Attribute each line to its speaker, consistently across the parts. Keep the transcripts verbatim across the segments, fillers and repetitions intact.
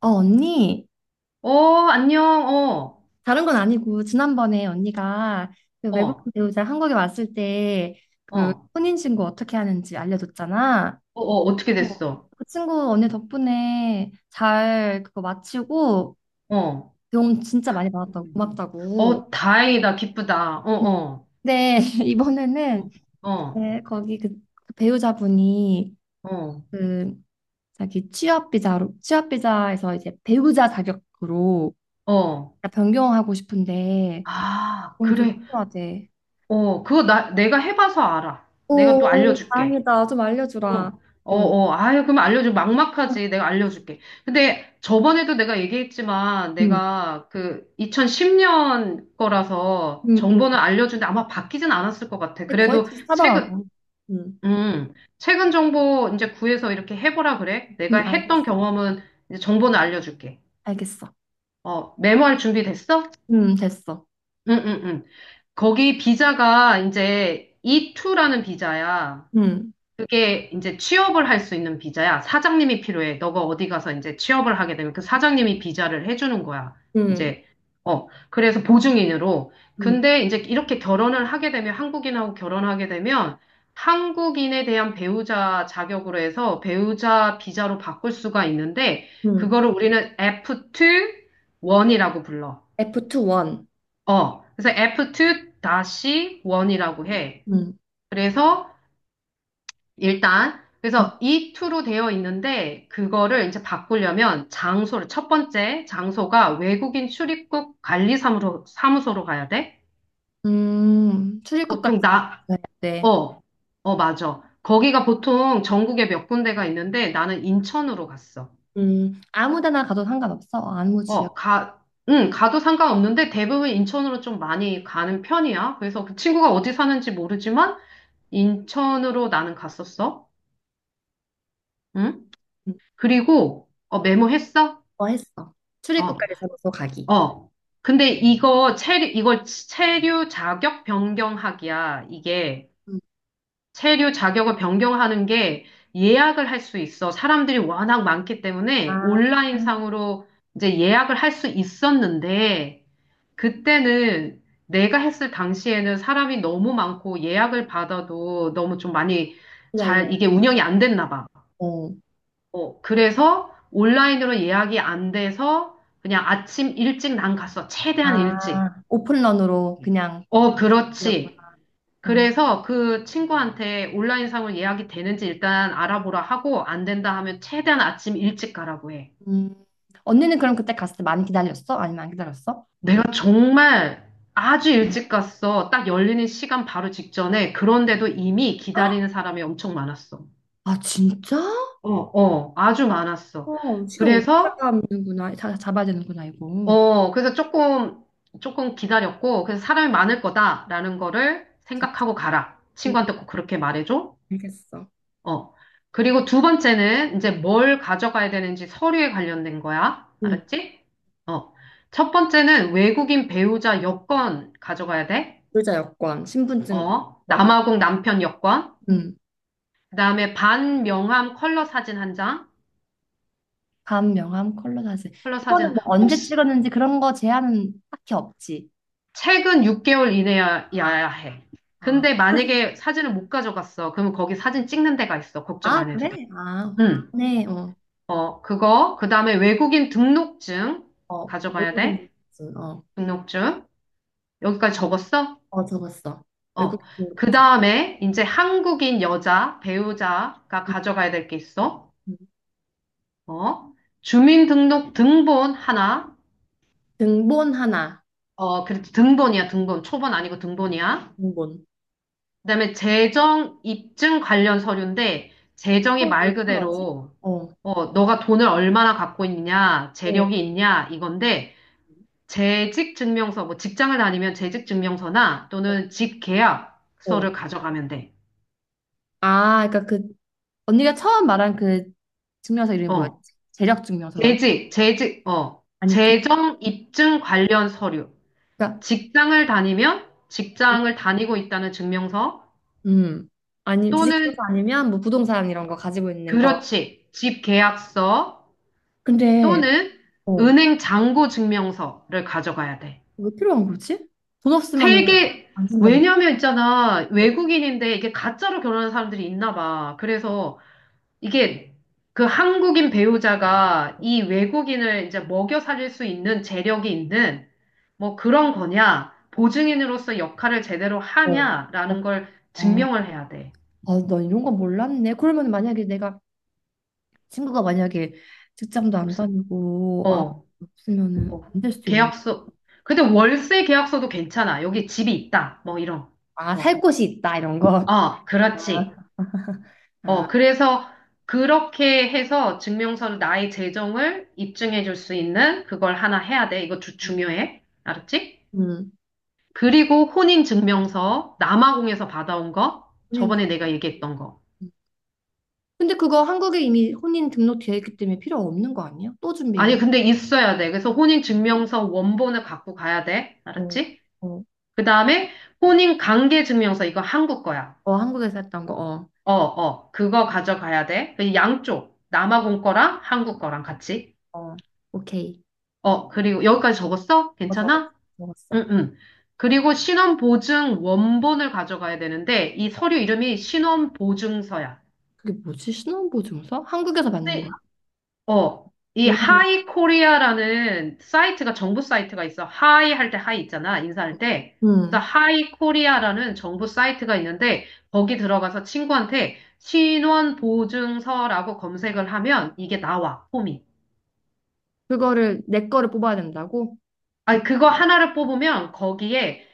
Speaker 1: 어, 언니,
Speaker 2: 어, 안녕. 어,
Speaker 1: 다른 건 아니고, 지난번에 언니가 그
Speaker 2: 어, 어,
Speaker 1: 외국인 배우자 한국에 왔을 때 그
Speaker 2: 어,
Speaker 1: 혼인신고 어떻게 하는지 알려줬잖아.
Speaker 2: 어, 어떻게
Speaker 1: 어.
Speaker 2: 됐어?
Speaker 1: 그 친구 언니 덕분에 잘 그거 마치고
Speaker 2: 어.
Speaker 1: 도움 진짜 많이 받았다고,
Speaker 2: 음.
Speaker 1: 고맙다고.
Speaker 2: 어, 다행이다, 기쁘다, 어, 어,
Speaker 1: 근데 이번에는
Speaker 2: 어,
Speaker 1: 네, 거기 그, 그 배우자분이
Speaker 2: 어,
Speaker 1: 그 자기 취업비자로, 취업비자에서 이제 배우자 자격으로
Speaker 2: 어, 어.
Speaker 1: 변경하고 싶은데
Speaker 2: 아,
Speaker 1: 몸이 좀
Speaker 2: 그래.
Speaker 1: 필요하대.
Speaker 2: 어, 그거 나, 내가 해봐서 알아. 내가 또
Speaker 1: 오,
Speaker 2: 알려줄게.
Speaker 1: 다행이다. 좀
Speaker 2: 어,
Speaker 1: 알려주라.
Speaker 2: 어,
Speaker 1: 어.
Speaker 2: 어, 아유, 그럼 알려줘. 막막하지. 내가 알려줄게. 근데 저번에도 내가 얘기했지만,
Speaker 1: 음,
Speaker 2: 내가 그 이천십 년 거라서
Speaker 1: 음, 음,
Speaker 2: 정보는 알려주는데 아마 바뀌진 않았을 것 같아.
Speaker 1: 근데 거의
Speaker 2: 그래도 최근,
Speaker 1: 비슷하더라고. 음,
Speaker 2: 음, 최근 정보 이제 구해서 이렇게 해보라 그래. 내가
Speaker 1: 음, 알겠어.
Speaker 2: 했던 경험은 이제 정보는 알려줄게.
Speaker 1: 알겠어.
Speaker 2: 어, 메모할 준비 됐어?
Speaker 1: 음, 됐어.
Speaker 2: 응, 응, 응. 거기 비자가 이제 이이라는 비자야.
Speaker 1: 음,
Speaker 2: 그게 이제 취업을 할 수 있는 비자야. 사장님이 필요해. 너가 어디 가서 이제 취업을 하게 되면 그 사장님이 비자를 해주는 거야.
Speaker 1: 음,
Speaker 2: 이제, 어, 그래서 보증인으로.
Speaker 1: 음.
Speaker 2: 근데 이제 이렇게 결혼을 하게 되면, 한국인하고 결혼하게 되면, 한국인에 대한 배우자 자격으로 해서 배우자 비자로 바꿀 수가 있는데,
Speaker 1: 음,
Speaker 2: 그거를 우리는 에프 투 일이라고 불러.
Speaker 1: 에프 이 일.
Speaker 2: 어, 그래서 에프 투 일이라고 해.
Speaker 1: 음,
Speaker 2: 그래서 일단
Speaker 1: 음,
Speaker 2: 그래서 이 투로 되어 있는데 그거를 이제 바꾸려면 장소를 첫 번째 장소가 외국인 출입국 관리 사무소 사무소로 가야 돼.
Speaker 1: 음, 출입국까지
Speaker 2: 보통
Speaker 1: 있
Speaker 2: 나
Speaker 1: 야 돼.
Speaker 2: 어, 어 맞아. 거기가 보통 전국에 몇 군데가 있는데 나는 인천으로 갔어.
Speaker 1: 음, 아무 데나 가도 상관없어. 아무 지역
Speaker 2: 어, 가 응, 가도 상관없는데 대부분 인천으로 좀 많이 가는 편이야. 그래서 그 친구가 어디 사는지 모르지만 인천으로 나는 갔었어. 응?
Speaker 1: 음,
Speaker 2: 그리고 어 메모했어?
Speaker 1: 뭐 했어.
Speaker 2: 어.
Speaker 1: 출입국까지 잡아서 가기.
Speaker 2: 어. 근데 이거 체류, 이거 체류 자격 변경하기야. 이게
Speaker 1: 음.
Speaker 2: 체류 자격을 변경하는 게 예약을 할 수 있어. 사람들이 워낙 많기 때문에
Speaker 1: 아,
Speaker 2: 온라인상으로 이제 예약을 할 수 있었는데 그때는 내가 했을 당시에는 사람이 너무 많고 예약을 받아도 너무 좀 많이 잘
Speaker 1: 기다려야
Speaker 2: 이게 운영이 안 됐나 봐.
Speaker 1: 어,
Speaker 2: 어, 그래서 온라인으로 예약이 안 돼서 그냥 아침 일찍 난 갔어. 최대한 일찍.
Speaker 1: 아, 오픈런으로 그냥.
Speaker 2: 어,
Speaker 1: 그랬구나.
Speaker 2: 그렇지. 그래서 그 친구한테 온라인 상을 예약이 되는지 일단 알아보라 하고 안 된다 하면 최대한 아침 일찍 가라고 해.
Speaker 1: 음. 언니는 그럼 그때 갔을 때 많이 기다렸어? 아니면 안 기다렸어?
Speaker 2: 내가 정말 아주 일찍 갔어. 딱 열리는 시간 바로 직전에. 그런데도 이미 기다리는 사람이 엄청 많았어.
Speaker 1: 아, 진짜?
Speaker 2: 어, 어, 아주 많았어.
Speaker 1: 어, 시간 오래
Speaker 2: 그래서,
Speaker 1: 잡아는구나. 자, 잡아야 되는구나, 이거.
Speaker 2: 어, 그래서 조금, 조금 기다렸고, 그래서 사람이 많을 거다라는 거를 생각하고 가라.
Speaker 1: 음,
Speaker 2: 친구한테 꼭 그렇게 말해줘.
Speaker 1: 알겠어.
Speaker 2: 어. 그리고 두 번째는 이제 뭘 가져가야 되는지 서류에 관련된 거야.
Speaker 1: 응.
Speaker 2: 알았지? 어. 첫 번째는 외국인 배우자 여권 가져가야 돼.
Speaker 1: 불자 여권, 신분증
Speaker 2: 어.
Speaker 1: 여권. 어.
Speaker 2: 남아공 남편 여권.
Speaker 1: 음.
Speaker 2: 그다음에 반명함 컬러 사진 한 장.
Speaker 1: 감, 명함, 컬러 사진.
Speaker 2: 컬러 사진
Speaker 1: 그거는
Speaker 2: 한-
Speaker 1: 뭐 언제
Speaker 2: 혹시
Speaker 1: 찍었는지 그런 거 제한은 딱히 없지.
Speaker 2: 최근 육 개월 이내여야
Speaker 1: 아,
Speaker 2: 해.
Speaker 1: 아,
Speaker 2: 근데 만약에 사진을 못 가져갔어. 그러면 거기 사진 찍는 데가 있어. 걱정
Speaker 1: 아,
Speaker 2: 안 해도 돼.
Speaker 1: 그래? 아,
Speaker 2: 응.
Speaker 1: 네, 어,
Speaker 2: 어, 그거. 그다음에 외국인 등록증
Speaker 1: 어,
Speaker 2: 가져가야
Speaker 1: 외국인
Speaker 2: 돼.
Speaker 1: 등록증, 어,
Speaker 2: 등록증. 여기까지 적었어?
Speaker 1: 어, 적었어.
Speaker 2: 어.
Speaker 1: 외국인
Speaker 2: 그
Speaker 1: 등록증.
Speaker 2: 다음에 이제 한국인 여자 배우자가 가져가야 될 게 있어.
Speaker 1: 음, 음.
Speaker 2: 어. 주민등록 등본 하나.
Speaker 1: 등본 하나,
Speaker 2: 어, 그래도 등본이야, 등본. 초본 아니고 등본이야.
Speaker 1: 등본.
Speaker 2: 그다음에 재정 입증 관련 서류인데
Speaker 1: 어,
Speaker 2: 재정이
Speaker 1: 왜
Speaker 2: 말
Speaker 1: 필요하지?
Speaker 2: 그대로
Speaker 1: 어,
Speaker 2: 어, 너가 돈을 얼마나 갖고 있냐,
Speaker 1: 어,
Speaker 2: 재력이 있냐 이건데 재직 증명서 뭐 직장을 다니면 재직 증명서나
Speaker 1: 어.
Speaker 2: 또는 집
Speaker 1: 어.
Speaker 2: 계약서를 가져가면 돼.
Speaker 1: 아, 그러니까 그 언니가 처음 말한 그 증명서 이름이 뭐였지?
Speaker 2: 어.
Speaker 1: 재력 증명서라고?
Speaker 2: 재직, 재직, 어,
Speaker 1: 아니, 그-
Speaker 2: 재정 입증 관련 서류,
Speaker 1: 그러니까
Speaker 2: 직장을 다니면 직장을 다니고 있다는 증명서
Speaker 1: 음. 아니, 지식
Speaker 2: 또는
Speaker 1: 증명서 아니면 뭐 부동산 이런 거 가지고 있는 거.
Speaker 2: 그렇지, 집 계약서
Speaker 1: 근데
Speaker 2: 또는
Speaker 1: 어.
Speaker 2: 은행 잔고 증명서를 가져가야 돼.
Speaker 1: 왜 필요한 거지? 돈 없으면은
Speaker 2: 세 개,
Speaker 1: 안 쓴다는 거
Speaker 2: 왜냐면 있잖아,
Speaker 1: 어.
Speaker 2: 외국인인데 이게 가짜로 결혼하는 사람들이 있나 봐. 그래서 이게 그 한국인 배우자가 이 외국인을 이제 먹여 살릴 수 있는 재력이 있는 뭐 그런 거냐, 보증인으로서 역할을 제대로
Speaker 1: 어. 어.
Speaker 2: 하냐라는 걸
Speaker 1: 아,
Speaker 2: 증명을 해야 돼.
Speaker 1: 아, 나 이런 거 몰랐네. 그러면 만약에 내가 친구가 만약에 직장도 안
Speaker 2: 없-
Speaker 1: 다니고 아
Speaker 2: 어,
Speaker 1: 없으면은
Speaker 2: 뭐,
Speaker 1: 안 될 수도 있는 거야.
Speaker 2: 계약서. 근데 월세 계약서도 괜찮아. 여기 집이 있다. 뭐 이런
Speaker 1: 아, 살
Speaker 2: 거.
Speaker 1: 곳이 있다 이런 거.
Speaker 2: 어, 그렇지.
Speaker 1: 아,
Speaker 2: 어, 그래서 그렇게 해서 증명서를 나의 재정을 입증해 줄 수 있는 그걸 하나 해야 돼. 이거 주, 중요해. 알았지?
Speaker 1: 음.
Speaker 2: 그리고 혼인증명서, 남아공에서 받아온 거,
Speaker 1: 혼인.
Speaker 2: 저번에 내가 얘기했던 거.
Speaker 1: 근데 그거 한국에 이미 혼인 등록되어 있기 때문에 필요 없는 거 아니야? 또 준비해야
Speaker 2: 아니,
Speaker 1: 돼.
Speaker 2: 근데 있어야 돼. 그래서 혼인증명서 원본을 갖고 가야 돼.
Speaker 1: 어,
Speaker 2: 알았지?
Speaker 1: 어,
Speaker 2: 그 다음에 혼인관계증명서, 이거 한국 거야.
Speaker 1: 어, 한국에서 했던 거.
Speaker 2: 어, 어, 그거 가져가야 돼. 그 양쪽, 남아공 거랑 한국 거랑 같이.
Speaker 1: 어, 어, 오케이.
Speaker 2: 어, 그리고 여기까지 적었어?
Speaker 1: 어, 적었어.
Speaker 2: 괜찮아?
Speaker 1: 적었어.
Speaker 2: 응, 응. 그리고 신원보증 원본을 가져가야 되는데, 이 서류 이름이 신원보증서야.
Speaker 1: 그게 뭐지? 신혼보증서? 한국에서 받는 거야?
Speaker 2: 어, 이
Speaker 1: 음.
Speaker 2: 하이 코리아라는 사이트가 정부 사이트가 있어. 하이 할 때 하이 있잖아. 인사할 때. 그래서
Speaker 1: 음.
Speaker 2: 하이 코리아라는 정부 사이트가 있는데 거기 들어가서 친구한테 신원 보증서라고 검색을 하면 이게 나와. 폼이.
Speaker 1: 그거를 내 거를 뽑아야 된다고?
Speaker 2: 아, 그거 하나를 뽑으면 거기에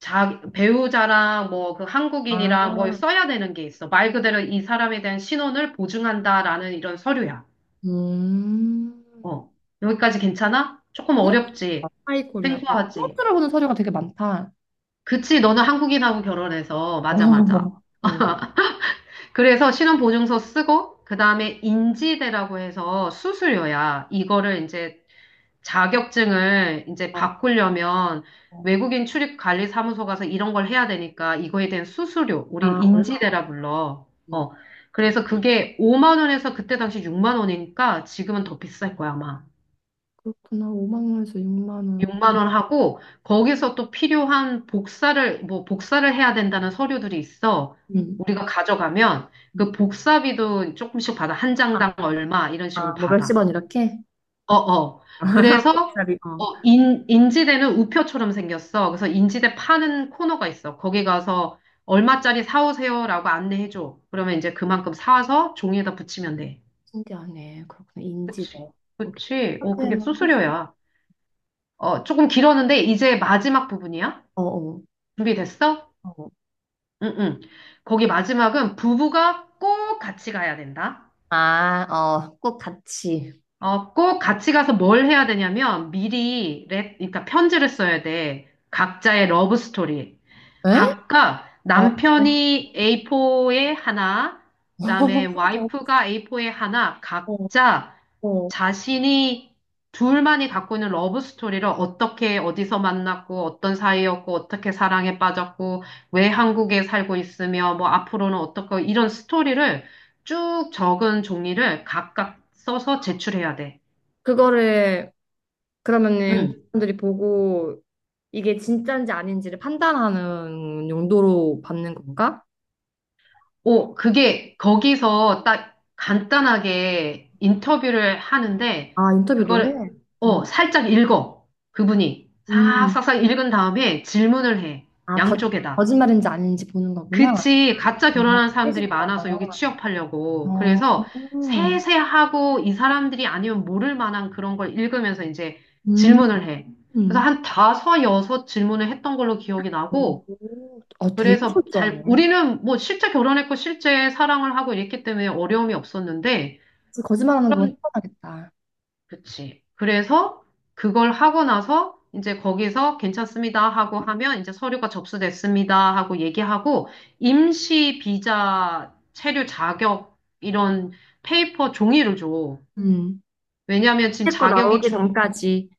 Speaker 2: 자, 배우자랑 뭐 그 한국인이랑 뭐
Speaker 1: 아,
Speaker 2: 써야 되는 게 있어. 말 그대로 이 사람에 대한 신원을 보증한다라는 이런 서류야.
Speaker 1: 음.
Speaker 2: 어, 여기까지 괜찮아? 조금 어렵지.
Speaker 1: 어, 하이 코리아. 뭐, 처음
Speaker 2: 생소하지.
Speaker 1: 들어보는 서류가 되게 많다.
Speaker 2: 그치, 너는 한국인하고 결혼해서.
Speaker 1: 어,
Speaker 2: 맞아, 맞아.
Speaker 1: 어.
Speaker 2: 그래서 신혼보증서 쓰고, 그 다음에 인지대라고 해서 수수료야. 이거를 이제 자격증을 이제
Speaker 1: 어.
Speaker 2: 바꾸려면
Speaker 1: 어.
Speaker 2: 외국인 출입관리사무소 가서 이런 걸 해야 되니까 이거에 대한 수수료, 우린
Speaker 1: 아, 얼마?
Speaker 2: 인지대라 불러.
Speaker 1: 안
Speaker 2: 어. 그래서 그게 오만 원에서 그때 당시 육만 원이니까 지금은 더 비쌀 거야, 아마.
Speaker 1: 그렇구나. 오만 원에서 육만 원.
Speaker 2: 육만 원 하고 거기서 또 필요한 복사를 뭐 복사를 해야 된다는 서류들이 있어.
Speaker 1: 음.
Speaker 2: 우리가 가져가면 그 복사비도 조금씩 받아. 한
Speaker 1: 아,
Speaker 2: 장당 얼마 이런 식으로
Speaker 1: 아, 뭐 몇십
Speaker 2: 받아.
Speaker 1: 원 이렇게?
Speaker 2: 어, 어. 그래서
Speaker 1: 목살이, 어.
Speaker 2: 어, 인, 인지대는 우표처럼 생겼어. 그래서 인지대 파는 코너가 있어. 거기 가서 얼마짜리 사오세요라고 안내해줘. 그러면 이제 그만큼 사와서 종이에다 붙이면 돼.
Speaker 1: 신기하네. 그렇구나. 인지대.
Speaker 2: 그치.
Speaker 1: 오케이.
Speaker 2: 그치. 어, 그게
Speaker 1: 그러면 끝이
Speaker 2: 수수료야. 어, 조금 길었는데 이제 마지막 부분이야.
Speaker 1: 어, 어,
Speaker 2: 준비됐어?
Speaker 1: 어.
Speaker 2: 응, 응. 거기 마지막은 부부가 꼭 같이 가야 된다.
Speaker 1: 아, 어, 꼭 같이.
Speaker 2: 어, 꼭 같이 가서 뭘 해야 되냐면 미리 랩, 그러니까 편지를 써야 돼. 각자의 러브 스토리.
Speaker 1: 에?
Speaker 2: 각각
Speaker 1: 어, 어,
Speaker 2: 남편이 에이 포에 하나, 그다음에
Speaker 1: 맞아.
Speaker 2: 와이프가 에이 포에 하나,
Speaker 1: 어,
Speaker 2: 각자
Speaker 1: 어.
Speaker 2: 자신이 둘만이 갖고 있는 러브 스토리를 어떻게 어디서 만났고 어떤 사이였고 어떻게 사랑에 빠졌고 왜 한국에 살고 있으며 뭐 앞으로는 어떻게 이런 스토리를 쭉 적은 종이를 각각 써서 제출해야 돼.
Speaker 1: 그거를, 그러면은,
Speaker 2: 응.
Speaker 1: 사람들이 보고, 이게 진짜인지 아닌지를 판단하는 용도로 받는 건가?
Speaker 2: 오, 그게 거기서 딱 간단하게 인터뷰를 하는데,
Speaker 1: 아, 인터뷰 노래?
Speaker 2: 그걸,
Speaker 1: 음,
Speaker 2: 어, 살짝 읽어. 그분이.
Speaker 1: 음.
Speaker 2: 싹싹싹 읽은 다음에 질문을 해.
Speaker 1: 아, 거,
Speaker 2: 양쪽에다.
Speaker 1: 거짓말인지 아닌지 보는 거구나.
Speaker 2: 그치. 가짜
Speaker 1: 어,
Speaker 2: 결혼한
Speaker 1: 되게
Speaker 2: 사람들이
Speaker 1: 신기하다.
Speaker 2: 많아서 여기 취업하려고.
Speaker 1: 어,
Speaker 2: 그래서 세세하고 이 사람들이 아니면 모를 만한 그런 걸 읽으면서 이제
Speaker 1: 음.
Speaker 2: 질문을 해. 그래서
Speaker 1: 음,
Speaker 2: 한 다섯, 여섯 질문을 했던 걸로 기억이 나고,
Speaker 1: 오, 아, 되게
Speaker 2: 그래서 잘,
Speaker 1: 철저하네.
Speaker 2: 우리는 뭐 실제 결혼했고 실제 사랑을 하고 이랬기 때문에 어려움이 없었는데,
Speaker 1: 거짓말하는 건
Speaker 2: 그런,
Speaker 1: 편하겠다.
Speaker 2: 그치. 그래서 그걸 하고 나서 이제 거기서 괜찮습니다 하고 하면 이제 서류가 접수됐습니다 하고 얘기하고, 임시 비자 체류 자격 이런 페이퍼 종이를 줘.
Speaker 1: 음.
Speaker 2: 왜냐하면 지금
Speaker 1: 택거
Speaker 2: 자격이
Speaker 1: 나오기
Speaker 2: 중,
Speaker 1: 전까지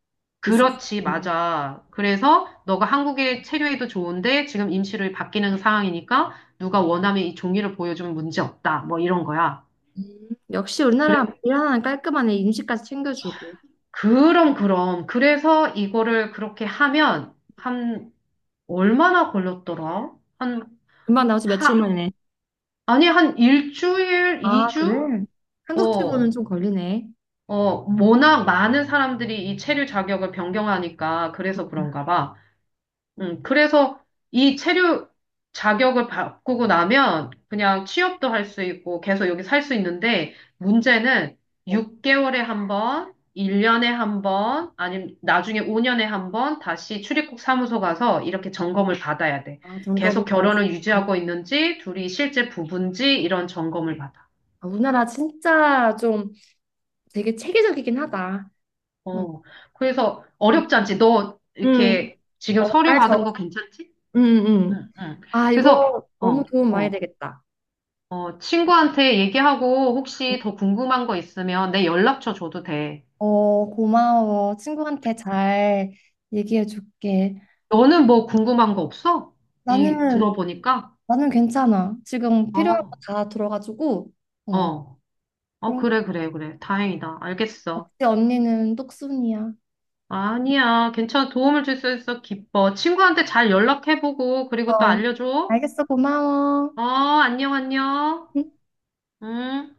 Speaker 1: 있을 수
Speaker 2: 그렇지.
Speaker 1: 있는.
Speaker 2: 맞아. 그래서 너가 한국에 체류해도 좋은데 지금 임시로 바뀌는 상황이니까 누가 원하면 이 종이를 보여주면 문제 없다. 뭐 이런 거야.
Speaker 1: 음, 역시 우리나라
Speaker 2: 그래.
Speaker 1: 일 하나는 깔끔하네. 임시까지 챙겨주고.
Speaker 2: 그럼 그럼. 그래서 이거를 그렇게 하면 한 얼마나 걸렸더라? 한
Speaker 1: 금방 나오지 며칠
Speaker 2: 하,
Speaker 1: 만에.
Speaker 2: 아니 한 일주일,
Speaker 1: 아,
Speaker 2: 이주?
Speaker 1: 그래? 한국 치고는
Speaker 2: 어.
Speaker 1: 좀 걸리네.
Speaker 2: 어, 워낙 많은 사람들이 이 체류 자격을 변경하니까 그래서 그런가 봐. 음, 그래서 이 체류 자격을 바꾸고 나면 그냥 취업도 할 수 있고 계속 여기 살 수 있는데 문제는
Speaker 1: 어,
Speaker 2: 육 개월에 한 번, 일 년에 한 번, 아니면 나중에 오 년에 한 번 다시 출입국 사무소 가서 이렇게 점검을 받아야 돼.
Speaker 1: 아,
Speaker 2: 계속
Speaker 1: 점검까지.
Speaker 2: 결혼을
Speaker 1: 음.
Speaker 2: 유지하고 있는지, 둘이 실제 부부인지 이런 점검을 받아.
Speaker 1: 아, 우리나라 진짜 좀 되게 체계적이긴 하다. 응.
Speaker 2: 어, 그래서
Speaker 1: 음.
Speaker 2: 어렵지 않지? 너
Speaker 1: 음,
Speaker 2: 이렇게 지금
Speaker 1: 어,
Speaker 2: 서류
Speaker 1: 잘
Speaker 2: 받은
Speaker 1: 적어.
Speaker 2: 거 괜찮지?
Speaker 1: 응 응
Speaker 2: 응, 응.
Speaker 1: 아,
Speaker 2: 그래서,
Speaker 1: 이거 너무
Speaker 2: 어,
Speaker 1: 도움 많이
Speaker 2: 어.
Speaker 1: 되겠다.
Speaker 2: 어, 친구한테 얘기하고 혹시 더 궁금한 거 있으면 내 연락처 줘도 돼.
Speaker 1: 어, 고마워. 친구한테 잘 얘기해 줄게.
Speaker 2: 너는 뭐 궁금한 거 없어? 이
Speaker 1: 나는,
Speaker 2: 들어보니까.
Speaker 1: 나는 괜찮아. 지금 필요한 거
Speaker 2: 어,
Speaker 1: 다 들어가지고, 어,
Speaker 2: 어, 어,
Speaker 1: 그럼
Speaker 2: 그래, 그래, 그래. 다행이다. 알겠어.
Speaker 1: 역시 언니는 똑순이야.
Speaker 2: 아니야. 괜찮아. 도움을 줄 수 있어. 기뻐. 친구한테 잘 연락해보고,
Speaker 1: 어,
Speaker 2: 그리고 또 알려줘.
Speaker 1: 알겠어. 고마워.
Speaker 2: 어, 안녕, 안녕.
Speaker 1: 응?
Speaker 2: 음.